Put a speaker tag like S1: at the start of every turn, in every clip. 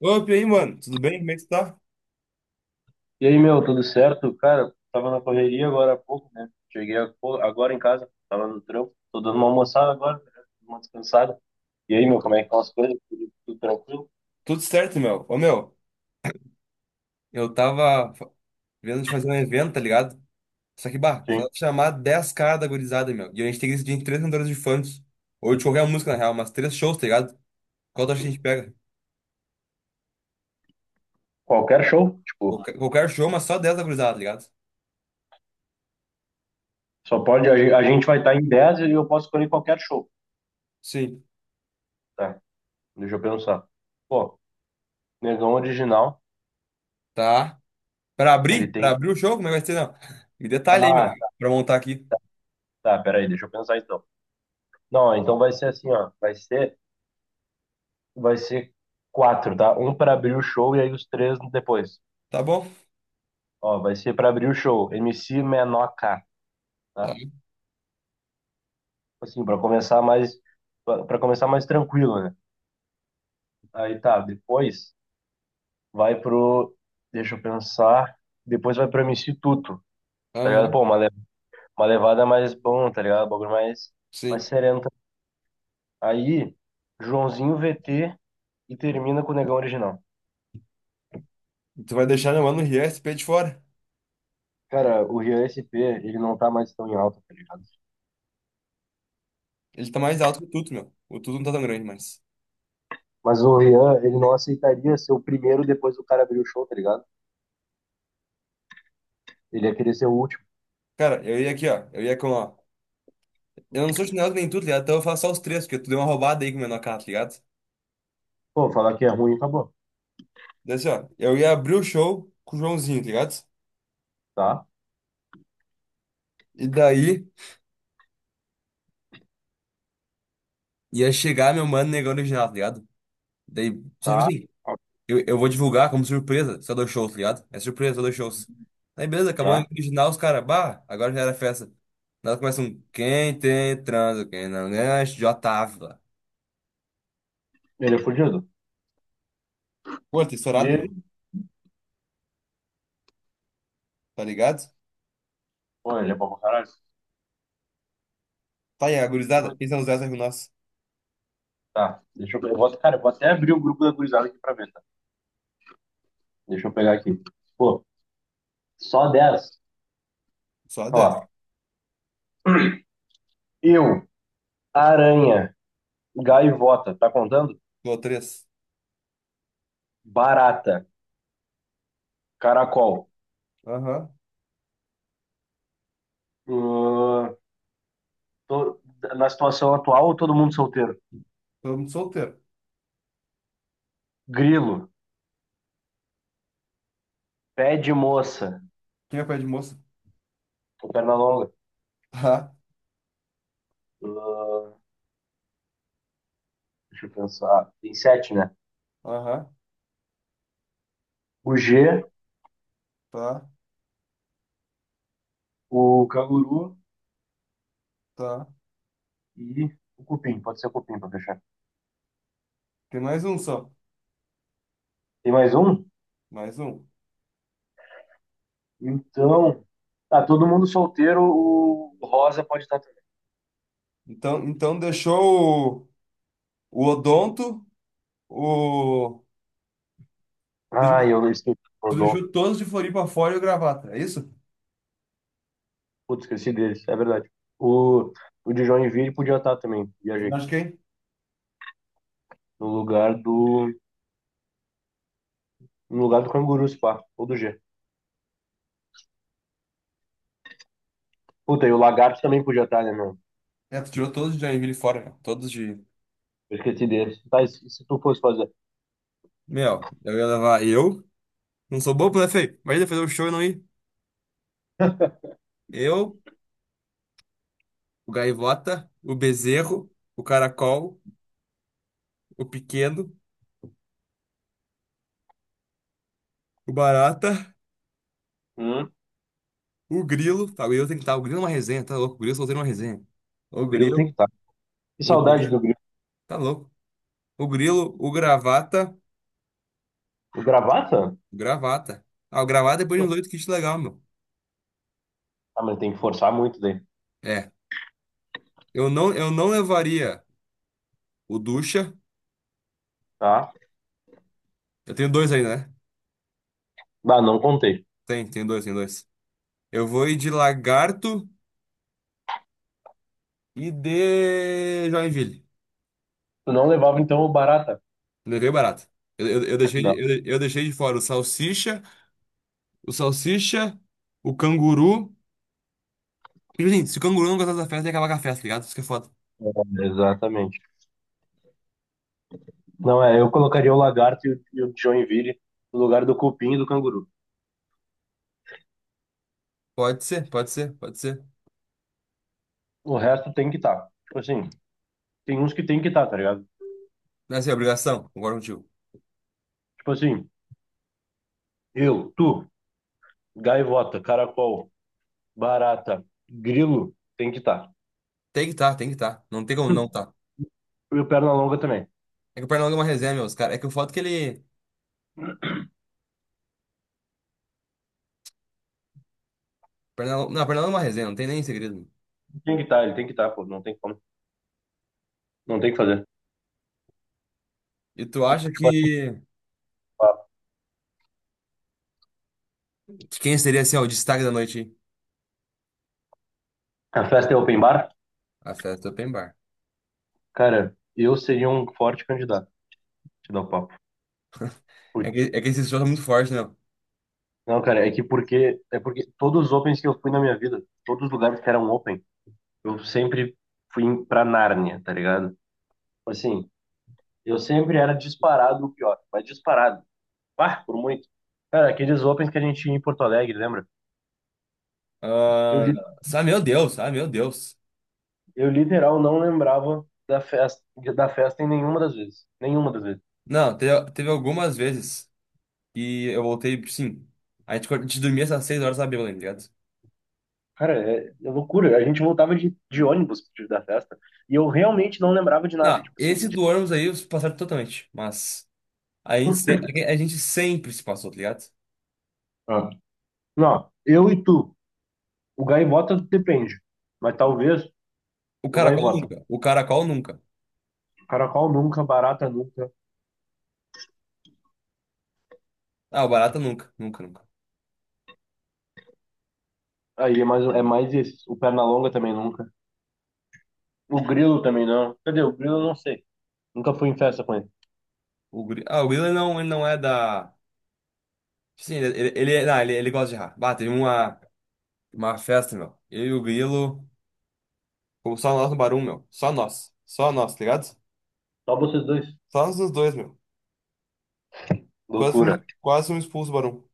S1: Opa, e aí, mano? Tudo bem? Como é que tu tá?
S2: E aí, meu, tudo certo? Cara, tava na correria agora há pouco, né? Cheguei a- pô, agora em casa, tava no trampo, tô dando uma almoçada agora, né? Uma descansada. E aí, meu, como é que estão as coisas? Tudo tranquilo?
S1: Tudo certo, meu. Ô, meu, eu tava vendo de fazer um evento, tá ligado? Só que, bah, só
S2: Sim.
S1: chamar 10 caras da gurizada, meu. E a gente tem que decidir em três cantores de funk. Ou de qualquer música, na real, mas três shows, tá ligado? Qual tu acha que a gente pega?
S2: Qualquer show, tipo,
S1: Qualquer show, mas só 10 da gurizada, tá ligado?
S2: só pode, a, gen- a gente vai estar em 10 e eu posso escolher qualquer show,
S1: Sim.
S2: tá? Deixa eu pensar. Pô, Negão Original,
S1: Tá.
S2: ele tem...
S1: Pra abrir o show? Como é que vai ser, não? Me detalhe aí, meu.
S2: Ah, tá,
S1: Pra montar aqui.
S2: tá, peraí, deixa eu pensar então. Não, então vai ser assim, ó, vai ser quatro, tá? Um para abrir o show e aí os três depois.
S1: Tá bom?
S2: Ó, vai ser para abrir o show, MC Menor K, tá?
S1: Tá.
S2: Tipo assim, para começar mais tranquilo, né? Aí tá, depois vai pro deixa eu pensar, depois vai pro MC Tuto, tá ligado? Pô,
S1: Aham,
S2: uma, le- uma levada mais bom, tá ligado? Um bagulho mais
S1: sim.
S2: sereno. Tá? Aí Joãozinho VT e termina com o Negão Original.
S1: E tu vai deixar meu mano o RSP de fora.
S2: Cara, o Rian SP, ele não tá mais tão em alta, tá ligado?
S1: Ele tá mais alto que o Tuto, meu. O Tuto não tá tão grande, mas.
S2: Mas o Rian, ele não aceitaria ser o primeiro depois do cara abrir o show, tá ligado? Ele ia querer ser o último.
S1: Cara, eu ia aqui, ó. Eu ia com, ó. Eu não sou chinelo nem tu, tá ligado? Então eu faço só os três, porque tu deu uma roubada aí com o menor carro, tá ligado?
S2: Pô, falar que é ruim, acabou.
S1: Daí assim, ó. Eu ia abrir o show com o Joãozinho, tá ligado?
S2: Tá,
S1: E daí ia chegar meu mano negão original, tá ligado? Daí, só tipo
S2: tá,
S1: assim,
S2: ó,
S1: eu vou divulgar como surpresa só dois shows, tá ligado? É surpresa, só dois shows. Aí beleza, acabou o
S2: tá.
S1: original, os caras, bah, agora já era festa. Nós começamos, um, quem tem transa, quem não ganha, já tava.
S2: Ele é fudido.
S1: Pô, tá
S2: E
S1: estourado, meu.
S2: ele,
S1: Tá ligado?
S2: pô, ele é bom pra caralho.
S1: Tá aí, a gurizada. Quem são os 10 aí com nós?
S2: Tá, deixa eu pegar. Eu vou, cara, eu vou até abrir o grupo da gurizada aqui pra ver, tá? Deixa eu pegar aqui. Pô, só dez.
S1: Só
S2: Ó,
S1: 10.
S2: eu, aranha, gaivota, tá contando?
S1: Tô três.
S2: Barata, caracol.
S1: Aham.
S2: Ahn, tô- na situação atual, todo mundo solteiro.
S1: Todo mundo solteiro.
S2: Grilo, pé de moça,
S1: Quem é pé de moça?
S2: perna longa.
S1: Tá.
S2: Ahn, deixa eu pensar. Tem sete, né?
S1: Aham.
S2: O G,
S1: Tá.
S2: o canguru
S1: Tá.
S2: e o cupim. Pode ser o cupim para fechar.
S1: Tem mais um só.
S2: Tem mais um?
S1: Mais um.
S2: Então, tá, todo mundo solteiro, o rosa pode estar também.
S1: Então deixou o odonto, o.
S2: Ah,
S1: deixou-
S2: eu esqueci o
S1: Tu
S2: odonto.
S1: deixou todos de Floripa fora e o gravata, é isso?
S2: Putz, esqueci deles, é verdade. O, o de Joinville podia estar também,
S1: Eu
S2: viajei.
S1: acho que é
S2: No lugar do, no lugar do canguru, spa ou do G. Puta, e o lagarto também podia estar, né, mano?
S1: é. Tu tirou todos de Joinville fora, cara. Todos de.
S2: Eu esqueci deles. Tá, e se tu fosse fazer?
S1: Meu, eu ia levar eu. Não sou bobo, né, feio? Imagina fazer um show e não ir. Eu, o Gaivota, o Bezerro, o Caracol, o Pequeno, o Barata.
S2: Hum,
S1: O Grilo, tá, eu Grilo que estar. O Grilo é uma resenha, tá louco? O Grilo soltando uma resenha. O
S2: grilo tem que
S1: Grilo,
S2: estar. Que
S1: o
S2: saudade do
S1: Grilo,
S2: grilo.
S1: tá louco? O Grilo, o Gravata,
S2: O gravata?
S1: Gravata. Ah, o Gravata depois de uns oito kits legal, meu.
S2: Ah, mas tem que forçar muito daí,
S1: É, eu não levaria o Ducha.
S2: tá?
S1: Eu tenho dois ainda, né?
S2: Ah, não contei.
S1: Tem dois, tem dois. Eu vou ir de Lagarto e de Joinville.
S2: Tu não levava então o Barata?
S1: Levei barato. Eu, eu, eu deixei, de-
S2: Não,
S1: eu deixei de fora o Salsicha, o Canguru. E, gente, se o Canguru não gostar da festa, ele acaba com a festa, tá ligado? Isso que é foda.
S2: é, exatamente. Não, é, eu colocaria o Lagarto e o Joinville no lugar do Cupim e do Canguru.
S1: Pode ser, pode ser, pode ser.
S2: O resto tem que estar. Tipo assim, tem uns que tem que estar, tá ligado?
S1: Não, assim, é obrigação, concordo contigo.
S2: Tipo assim, eu, tu, Gaivota, Caracol, Barata, Grilo, tem que estar.
S1: Tem que estar, tá, tem que estar. Tá. Não tem como não tá.
S2: E o Pernalonga também.
S1: É que o Pernalonga é uma resenha, meus caras. É que o foto que ele. Não, o Pernalonga é uma resenha, não tem nem segredo.
S2: Tem que estar, ele tem que estar, pô, não tem como. Não tem o que fazer.
S1: E tu acha
S2: Tipo assim,
S1: que quem seria, assim, ó, o destaque da noite? Aí?
S2: a festa é open bar?
S1: A festa open bar.
S2: Cara, eu seria um forte candidato, te dá o papo.
S1: É
S2: Porque
S1: que, é que esse show tá muito forte, né?
S2: não, cara, é que porque é porque todos os opens que eu fui na minha vida, todos os lugares que eram open, eu sempre fui em- pra Nárnia, tá ligado? Assim, eu sempre era disparado o pior, mas disparado. Ah, por muito. Cara, aqueles opens que a gente ia em Porto Alegre, lembra? Eu,
S1: Ah,
S2: li-
S1: ah, meu Deus, ah, meu Deus.
S2: eu literal não lembrava da festa em nenhuma das vezes. Nenhuma das vezes.
S1: Não, teve algumas vezes que eu voltei, sim. A gente dormia essas 6 horas, sabe, tá ligado?
S2: Cara, é, é loucura. A gente voltava de ônibus da festa e eu realmente não lembrava de nada.
S1: Não,
S2: Tipo assim,
S1: esse
S2: de-
S1: do ônibus aí, os passaram totalmente. Mas. A gente, se- a gente sempre se passou, tá ligado?
S2: Ah. Não, eu e tu. O gaivota depende, mas talvez
S1: O
S2: o
S1: caracol
S2: gaivota.
S1: nunca. O caracol nunca.
S2: Caracol nunca, barata nunca.
S1: Ah, o barata nunca. Nunca, nunca.
S2: Aí é mais isso. O perna longa também nunca. O grilo também não. Cadê? O grilo eu não sei. Nunca fui em festa com ele.
S1: Ah, o Will ele não é da. Sim, ele, não, ele gosta de errar. Bah, teve uma festa, meu. Eu e o Grilo. Fomos só nós no Barum, meu. Só nós. Só nós, tá ligado?
S2: Só vocês dois.
S1: Só nós os dois, meu. Quase fomos,
S2: Loucura.
S1: quase fomos expulsos do Barum.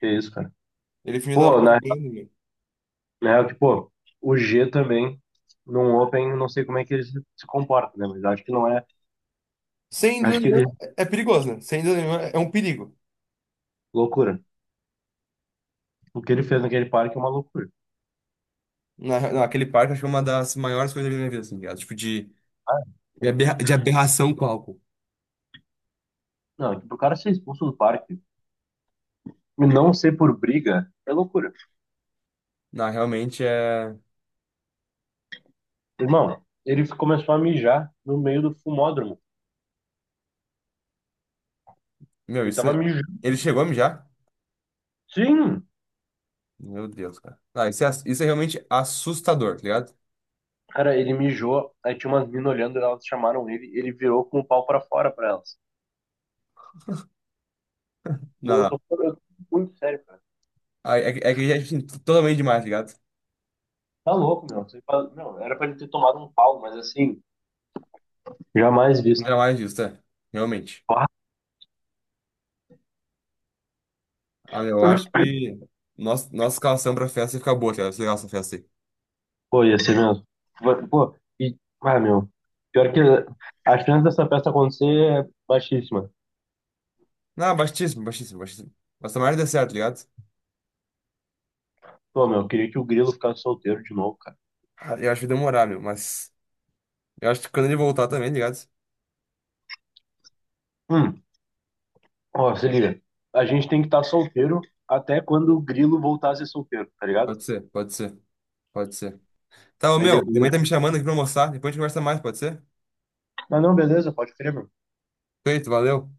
S2: Que isso, cara.
S1: Ele fingiu que tava
S2: Pô, na
S1: pulando, meu.
S2: na real, que, pô, o G também, num Open, não sei como é que ele se comporta, né? Mas acho que não é.
S1: Sem dúvida
S2: Acho que
S1: nenhuma,
S2: ele.
S1: é perigoso, né? Sem dúvida nenhuma, é um perigo.
S2: Loucura. O que ele fez naquele parque é uma loucura.
S1: Naquele parque, acho que é uma das maiores coisas da minha vida, assim, tá ligado? Tipo, de aberração com álcool.
S2: Não, é que o cara ser expulso do parque e não ser por briga é loucura.
S1: Não, realmente é.
S2: Irmão, ele começou a mijar no meio do fumódromo.
S1: Meu,
S2: Ele
S1: isso.
S2: tava mijando.
S1: Ele chegou a mijar?
S2: Sim!
S1: Meu Deus, cara. Não, isso é realmente assustador, tá ligado?
S2: Cara, ele mijou, aí tinha umas meninas olhando, elas chamaram ele, ele virou com o pau pra fora pra elas.
S1: Não,
S2: Não, eu tô,
S1: não.
S2: eu tô muito sério, cara.
S1: Ah, é, que é que já é assim, totalmente demais, tá ligado?
S2: Tá louco, meu. Você fala- meu, era pra ele ter tomado um pau, mas assim, jamais
S1: Não
S2: visto.
S1: era mais disso, tá? Realmente.
S2: Ah,
S1: Ah, meu, eu acho que nossa escalação pra festa ia ficar boa, tá ligado? Ia ser legal essa festa aí.
S2: pô, ia ser mesmo. Pô, e, ah, meu, pior que a chance dessa festa acontecer é baixíssima.
S1: Não, baixíssimo, baixíssimo, baixíssimo. Mas tomara que dê certo, tá ligado?
S2: Pô, meu, eu queria que o Grilo ficasse solteiro de novo, cara.
S1: Ah, eu acho que vai demorar, meu, mas. Eu acho que quando ele voltar também, tá ligado?
S2: Hum. Ó, se liga, a gente tem que estar solteiro até quando o Grilo voltar a ser solteiro, tá ligado?
S1: Pode ser, pode ser, pode ser. Tá, ô,
S2: Aí
S1: meu,
S2: depois a
S1: minha mãe tá me
S2: gente...
S1: chamando aqui pra almoçar. Depois a gente conversa mais, pode ser?
S2: Ah, não, beleza, pode crer, meu.
S1: Feito, valeu.